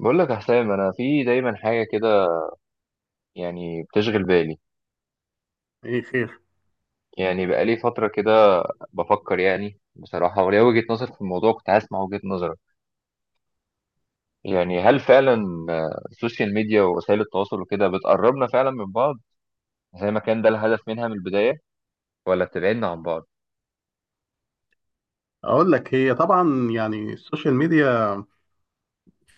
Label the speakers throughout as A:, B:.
A: بقول لك يا حسام، انا في دايما حاجه كده يعني بتشغل بالي.
B: ايه خير؟
A: يعني بقالي فتره كده بفكر، يعني بصراحه، وليا وجهه نظر في الموضوع. كنت عايز اسمع وجهه نظرك. يعني هل فعلا السوشيال ميديا ووسائل التواصل وكده بتقربنا فعلا من بعض زي ما كان ده الهدف منها من البدايه، ولا بتبعدنا عن بعض؟
B: اقول لك، هي طبعا يعني السوشيال ميديا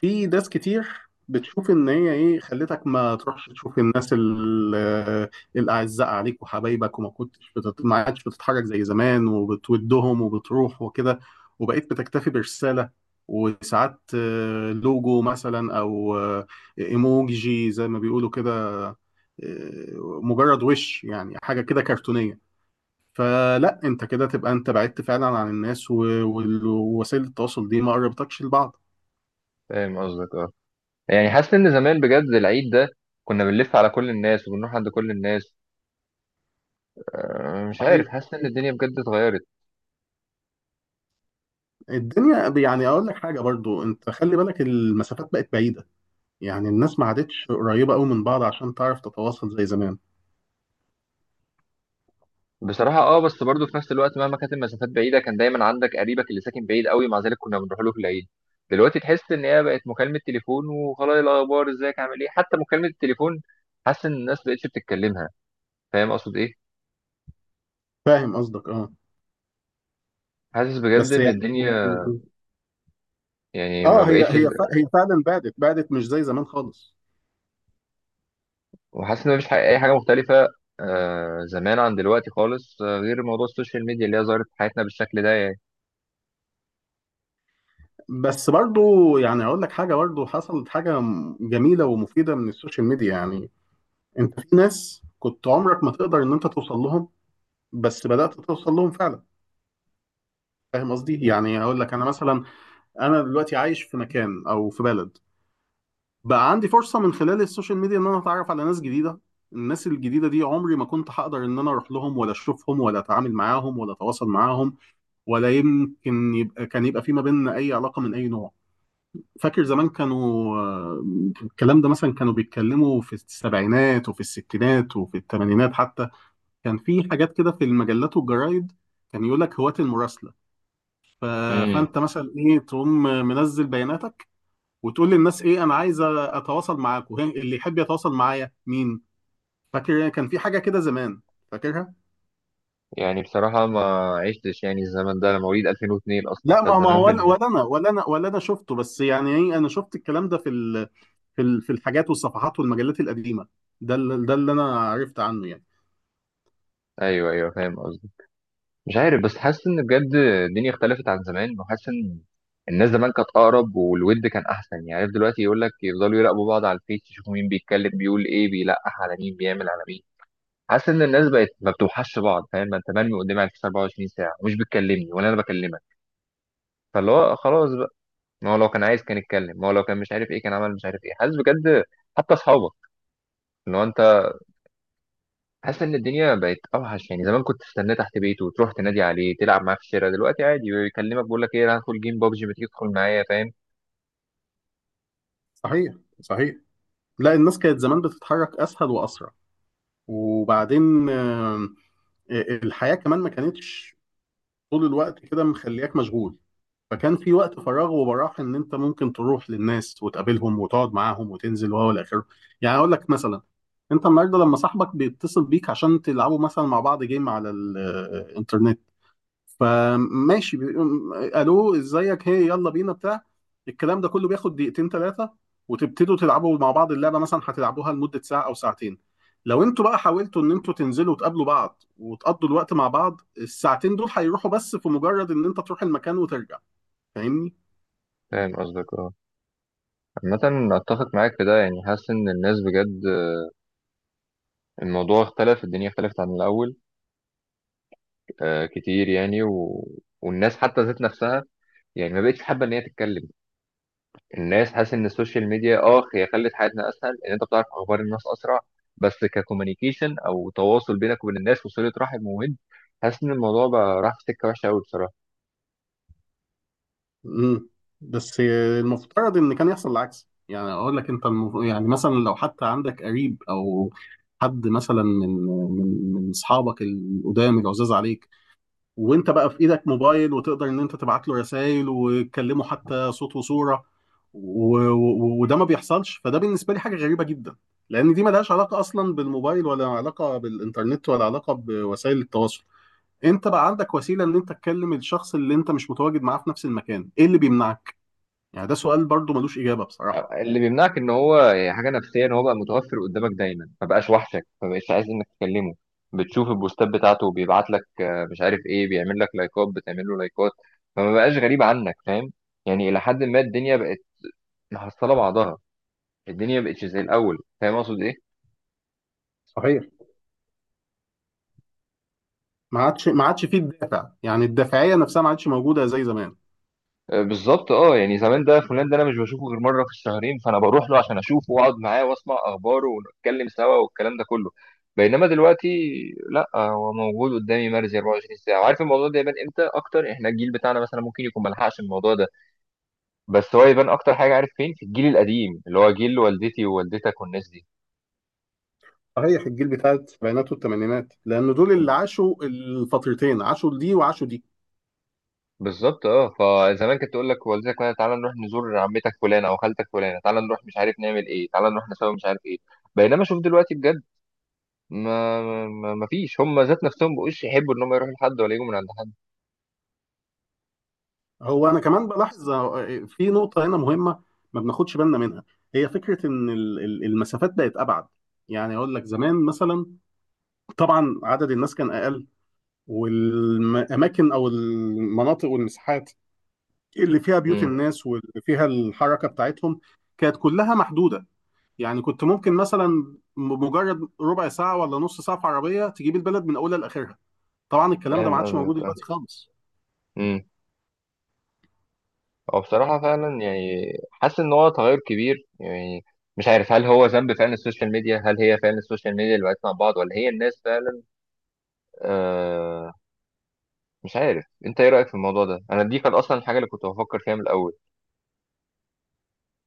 B: في ناس كتير بتشوف ان هي ايه خلتك ما تروحش تشوف الناس الاعزاء عليك وحبايبك، ما عادش بتتحرك زي زمان وبتودهم وبتروح وكده، وبقيت بتكتفي برسالة، وساعات لوجو مثلا او ايموجي زي ما بيقولوا كده، آه، مجرد وش يعني حاجة كده كرتونية. فلا انت كده تبقى انت بعدت فعلا عن الناس ووسائل التواصل دي ما قربتكش لبعض.
A: فاهم قصدك، اه. يعني حاسس ان زمان بجد العيد ده كنا بنلف على كل الناس وبنروح عند كل الناس. مش
B: صحيح.
A: عارف، حاسس ان الدنيا بجد اتغيرت.
B: الدنيا يعني اقول لك حاجه، برضو انت خلي بالك المسافات بقت بعيده، يعني الناس ما عادتش قريبه قوي من بعض عشان تعرف تتواصل زي زمان.
A: بصراحة اه، بس برضه في نفس الوقت مهما كانت المسافات بعيدة كان دايما عندك قريبك اللي ساكن بعيد قوي، مع ذلك كنا بنروح له في العيد. دلوقتي تحس ان هي بقت مكالمة تليفون وخلاص، إيه الاخبار، ازيك، عامل ايه. حتى مكالمة التليفون حاسس ان الناس مبقتش بتتكلمها. فاهم اقصد ايه؟
B: فاهم قصدك، اه.
A: حاسس بجد
B: بس
A: ان
B: يعني
A: الدنيا يعني
B: اه،
A: ما
B: هي
A: بقتش،
B: هي ف- هي فعلا بعدت بعدت، مش زي زمان خالص.
A: وحاسس ان مفيش اي حاجة مختلفة زمان عن دلوقتي خالص، غير موضوع السوشيال ميديا اللي هي ظهرت في حياتنا بالشكل ده يعني.
B: بس برضو يعني اقول لك حاجه، برضو حصلت حاجه جميله ومفيده من السوشيال ميديا، يعني انت في ناس كنت عمرك ما تقدر ان انت توصل لهم بس بدأت توصل لهم فعلا. فاهم قصدي؟ يعني هقول لك انا مثلا، انا دلوقتي عايش في مكان او في بلد، بقى عندي فرصة من خلال السوشيال ميديا ان انا اتعرف على ناس جديدة. الناس الجديدة دي عمري ما كنت هقدر ان انا اروح لهم ولا اشوفهم ولا اتعامل معاهم ولا اتواصل معاهم، ولا يمكن يبقى كان يبقى في ما بيننا اي علاقة من اي نوع. فاكر زمان كانوا آه، الكلام ده مثلا كانوا بيتكلموا في السبعينات وفي الستينات وفي الثمانينات حتى. كان في حاجات كده في المجلات والجرايد، كان يقول لك هواة المراسلة. ف...
A: امم.
B: فانت مثلا ايه، تقوم منزل بياناتك وتقول للناس ايه، انا عايز اتواصل معاكم، وهي- اللي يحب يتواصل معايا مين. فاكر كان في حاجه كده زمان؟ فاكرها؟
A: يعني بصراحة ما عشتش يعني الزمن ده، أنا مواليد 2002 أصلا،
B: لا، ما
A: فالزمان
B: هو انا ولا انا ولا انا ولا انا شفته، بس يعني ايه، انا شفت الكلام ده في الحاجات والصفحات والمجلات القديمه. ده اللي انا عرفت عنه يعني.
A: ايوه ايوه، فاهم قصدي. مش عارف بس حاسس ان بجد الدنيا اختلفت عن زمان، وحاسس ان الناس زمان كانت اقرب والود كان احسن. يعني عارف دلوقتي يقول لك يفضلوا يراقبوا بعض على الفيس، يشوفوا مين بيتكلم بيقول ايه، بيلقح على مين، بيعمل على مين. حاسس ان الناس بقت ما بتوحش بعض. فاهم، ما انت مرمي قدامي على الفيس 24 ساعه ومش بتكلمني ولا انا بكلمك. فاللي هو خلاص بقى، ما هو لو كان عايز كان يتكلم، ما هو لو كان مش عارف ايه كان عمل مش عارف ايه. حاسس بجد، حتى اصحابك اللي هو انت، حاسس ان الدنيا بقت اوحش. يعني زمان كنت تستناه تحت بيته وتروح تنادي عليه تلعب معاه في الشارع، دلوقتي عادي بيكلمك بيقول لك ايه، أنا هدخل جيم بابجي، ما تيجي تدخل معايا. فاهم؟
B: صحيح. صحيح. لا، الناس كانت زمان بتتحرك اسهل واسرع. وبعدين الحياه كمان ما كانتش طول الوقت كده مخلياك مشغول، فكان في وقت فراغ وبراح ان انت ممكن تروح للناس وتقابلهم وتقعد معاهم وتنزل وهو الاخر. يعني اقول لك مثلا، انت النهارده لما صاحبك بيتصل بيك عشان تلعبوا مثلا مع بعض جيم على الانترنت، فماشي، بيقوم، الو ازيك، هي يلا بينا، بتاع الكلام ده كله بياخد دقيقتين ثلاثه، وتبتدوا تلعبوا مع بعض اللعبه مثلا هتلعبوها لمده ساعه او ساعتين. لو انتوا بقى حاولتوا ان انتوا تنزلوا وتقابلوا بعض وتقضوا الوقت مع بعض، الساعتين دول هيروحوا بس في مجرد ان انت تروح المكان وترجع. فاهمني؟
A: فاهم قصدك، اه. عامة اتفق معاك في ده. يعني حاسس ان الناس بجد، الموضوع اختلف، الدنيا اختلفت عن الاول كتير يعني والناس حتى ذات نفسها يعني ما بقتش حابة ان هي تتكلم. الناس، حاسس ان السوشيال ميديا هي خلت حياتنا اسهل، ان انت بتعرف اخبار الناس اسرع. بس ككوميونيكيشن او تواصل بينك وبين الناس وصله رحم وود، حاسس ان الموضوع بقى راح في سكه وحشه قوي بصراحه.
B: مم. بس المفترض ان كان يحصل العكس. يعني اقول لك انت، يعني مثلا لو حتى عندك قريب او حد مثلا من اصحابك القدام العزاز عليك، وانت بقى في ايدك موبايل وتقدر ان انت تبعت له رسائل وتكلمه حتى صوت وصوره، وده ما بيحصلش. فده بالنسبه لي حاجه غريبه جدا، لان دي ملهاش علاقه اصلا بالموبايل ولا علاقه بالانترنت ولا علاقه بوسائل التواصل. انت بقى عندك وسيله ان انت تكلم الشخص اللي انت مش متواجد معاه في نفس المكان، ايه اللي بيمنعك؟ يعني ده سؤال برضو ملوش إجابة بصراحة.
A: اللي بيمنعك ان هو يعني حاجه نفسيه، ان هو بقى متوفر قدامك دايما، ما بقاش وحشك، ما بقاش عايز انك تكلمه. بتشوف البوستات بتاعته، بيبعت لك مش عارف ايه، بيعمل لك لايكات، بتعمل له لايكات. فما بقاش غريب عنك. فاهم؟ يعني الى حد ما الدنيا بقت محصله بعضها، الدنيا بقتش زي الاول. فاهم اقصد ايه؟
B: صحيح. ما عادش فيه الدافع، يعني الدافعية نفسها ما عادش موجودة زي زمان.
A: بالظبط اه. يعني زمان ده فلان ده انا مش بشوفه غير مره في الشهرين، فانا بروح له عشان اشوفه واقعد معاه واسمع اخباره ونتكلم سوا والكلام ده كله. بينما دلوقتي لا، هو موجود قدامي مرزي 24 ساعه. وعارف الموضوع ده يبان امتى اكتر؟ احنا الجيل بتاعنا مثلا ممكن يكون ملحقش الموضوع ده، بس هو يبان اكتر حاجه عارف فين؟ في الجيل القديم اللي هو جيل والدتي ووالدتك والناس دي.
B: صحيح، الجيل بتاع السبعينات والثمانينات، لأن دول اللي عاشوا الفترتين، عاشوا دي وعاشوا دي.
A: بالظبط اه. فزمان كانت تقول لك والدتك مثلا تعالى نروح نزور عمتك فلانه او خالتك فلانه، تعالى نروح مش عارف نعمل ايه، تعالى نروح نسوي مش عارف ايه. بينما شوف دلوقتي بجد، ما فيش هم ذات نفسهم بقوش يحبوا ان هم يروحوا لحد ولا يجوا من عند حد.
B: هو أنا كمان بلاحظ في نقطة هنا مهمة ما بناخدش بالنا منها، هي فكرة إن المسافات بقت أبعد. يعني أقول لك زمان مثلا، طبعا عدد الناس كان أقل، والأماكن أو المناطق والمساحات اللي فيها بيوت
A: امم.
B: الناس واللي فيها الحركة بتاعتهم كانت كلها محدودة. يعني كنت ممكن مثلا بمجرد ربع ساعة ولا نص ساعة في عربية تجيب البلد من أولها لآخرها. طبعا الكلام ده ما
A: فاهم
B: عادش موجود
A: قصدك، اه.
B: دلوقتي خالص.
A: امم. هو بصراحه فعلا يعني حاسس ان هو تغير كبير يعني. مش عارف هل هو ذنب فعلا السوشيال ميديا، هل هي فعلا السوشيال ميديا اللي بقتنا مع بعض ولا هي الناس فعلا؟ آه مش عارف انت ايه رايك في الموضوع ده. انا دي كانت اصلا الحاجه اللي كنت بفكر فيها من الاول.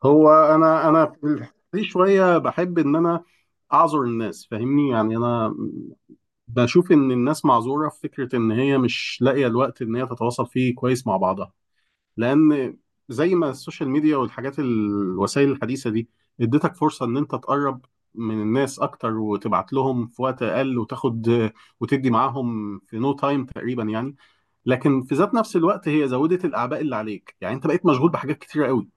B: هو أنا في الحتة دي شوية بحب إن أنا أعذر الناس. فاهمني؟ يعني أنا بشوف إن الناس معذورة في فكرة إن هي مش لاقية الوقت إن هي تتواصل فيه كويس مع بعضها، لان زي ما السوشيال ميديا والحاجات الوسائل الحديثه دي اديتك فرصه ان انت تقرب من الناس اكتر وتبعت لهم في وقت اقل وتاخد وتدي معاهم في نو تايم تقريبا يعني. لكن في ذات نفس الوقت، هي زودت الاعباء اللي عليك، يعني انت بقيت مشغول بحاجات كتيره قوي.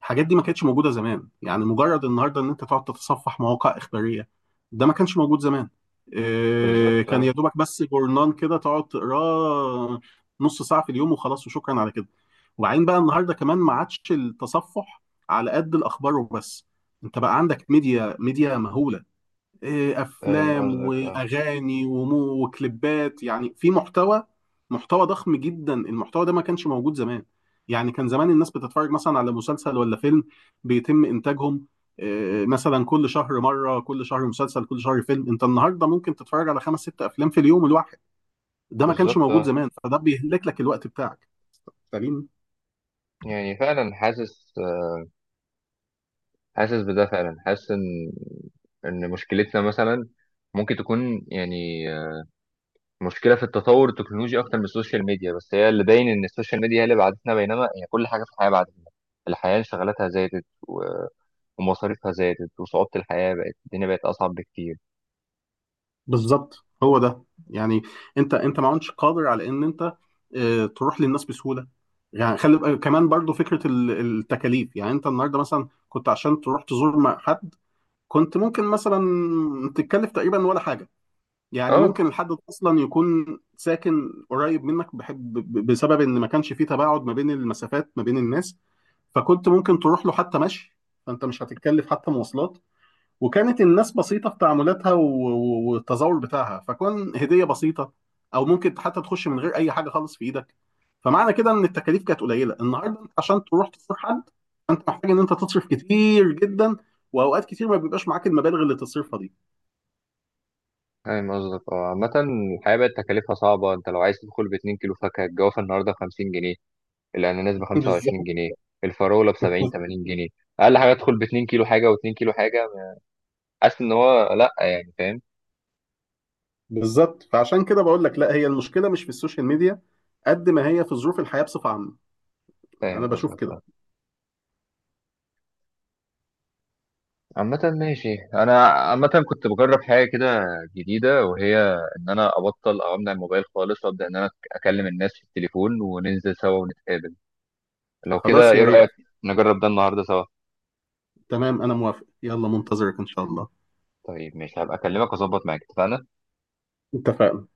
B: الحاجات دي ما كانتش موجوده زمان. يعني مجرد النهارده ان انت تقعد تتصفح مواقع اخباريه ده ما كانش موجود زمان. إيه،
A: بالظبط
B: كان يا
A: اه.
B: دوبك بس جورنان كده تقعد تقراه نص ساعه في اليوم وخلاص، وشكرا على كده. وبعدين بقى النهارده كمان ما عادش التصفح على قد الاخبار وبس، انت بقى عندك ميديا مهوله،
A: فاهم
B: افلام
A: قصدك، اه.
B: واغاني وكليبات، يعني في محتوى ضخم جدا. المحتوى ده ما كانش موجود زمان. يعني كان زمان الناس بتتفرج مثلا على مسلسل ولا فيلم بيتم انتاجهم، مثلا كل شهر مره، كل شهر مسلسل، كل شهر فيلم. انت النهارده ممكن تتفرج على خمس ست افلام في اليوم الواحد. ده ما كانش
A: بالظبط
B: موجود
A: اه.
B: زمان، فده بيهلك لك الوقت بتاعك. فاهمين؟
A: يعني فعلا حاسس بده فعلا، حاسس ان مشكلتنا مثلا ممكن تكون يعني مشكله في التطور التكنولوجي اكتر من السوشيال ميديا، بس هي اللي باين ان السوشيال ميديا هي اللي بعدتنا، بينما هي كل حاجه في الحياه بعدتنا. الحياه انشغالاتها زادت ومصاريفها زادت، وصعوبه الحياه بقت، الدنيا بقت اصعب بكتير.
B: بالظبط، هو ده. يعني انت ما عدتش قادر على ان انت اه، تروح للناس بسهوله. يعني خلي كمان برضو فكره التكاليف. يعني انت النهارده مثلا كنت عشان تروح تزور مع حد، كنت ممكن مثلا تتكلف تقريبا ولا حاجه. يعني
A: اه،
B: ممكن الحد ده اصلا يكون ساكن قريب منك بحب بسبب ان ما كانش فيه تباعد ما بين المسافات ما بين الناس، فكنت ممكن تروح له حتى مشي، فانت مش هتتكلف حتى مواصلات. وكانت الناس بسيطة في تعاملاتها والتظاهر بتاعها، فكون هدية بسيطة أو ممكن حتى تخش من غير أي حاجة خالص في إيدك. فمعنى كده إن التكاليف كانت قليلة. النهاردة أنت عشان تروح تزور حد، أنت محتاج إن أنت تصرف كتير جدا، وأوقات كتير ما بيبقاش معاك المبالغ اللي تصرفها دي.
A: فاهم قصدك، اه. عامة الحياة بقت تكاليفها صعبة. انت لو عايز تدخل ب2 كيلو فاكهة، الجوافة النهاردة ب50 جنيه، الأناناس بخمسة وعشرين
B: بالظبط.
A: جنيه الفراولة ب70-80 جنيه. أقل حاجة تدخل ب2 كيلو حاجة و2 كيلو حاجة. حاسس ان هو لا، يعني فاهم؟
B: بالظبط، فعشان كده بقول لك لا، هي المشكلة مش في السوشيال ميديا قد ما هي في ظروف الحياة بصفة عامة.
A: فاهم
B: أنا بشوف
A: قصدك،
B: كده.
A: اه. عامة ماشي. انا عامة كنت بجرب حاجة كده جديدة، وهي ان انا ابطل او امنع الموبايل خالص، وابدا ان انا اكلم الناس في التليفون وننزل سوا ونتقابل. لو كده
B: خلاص،
A: ايه
B: يا ريت.
A: رأيك؟ نجرب ده النهاردة سوا.
B: تمام، أنا موافق، يلا منتظرك إن شاء الله.
A: طيب ماشي، هبقى اكلمك واظبط معاك. اتفقنا.
B: اتفقنا.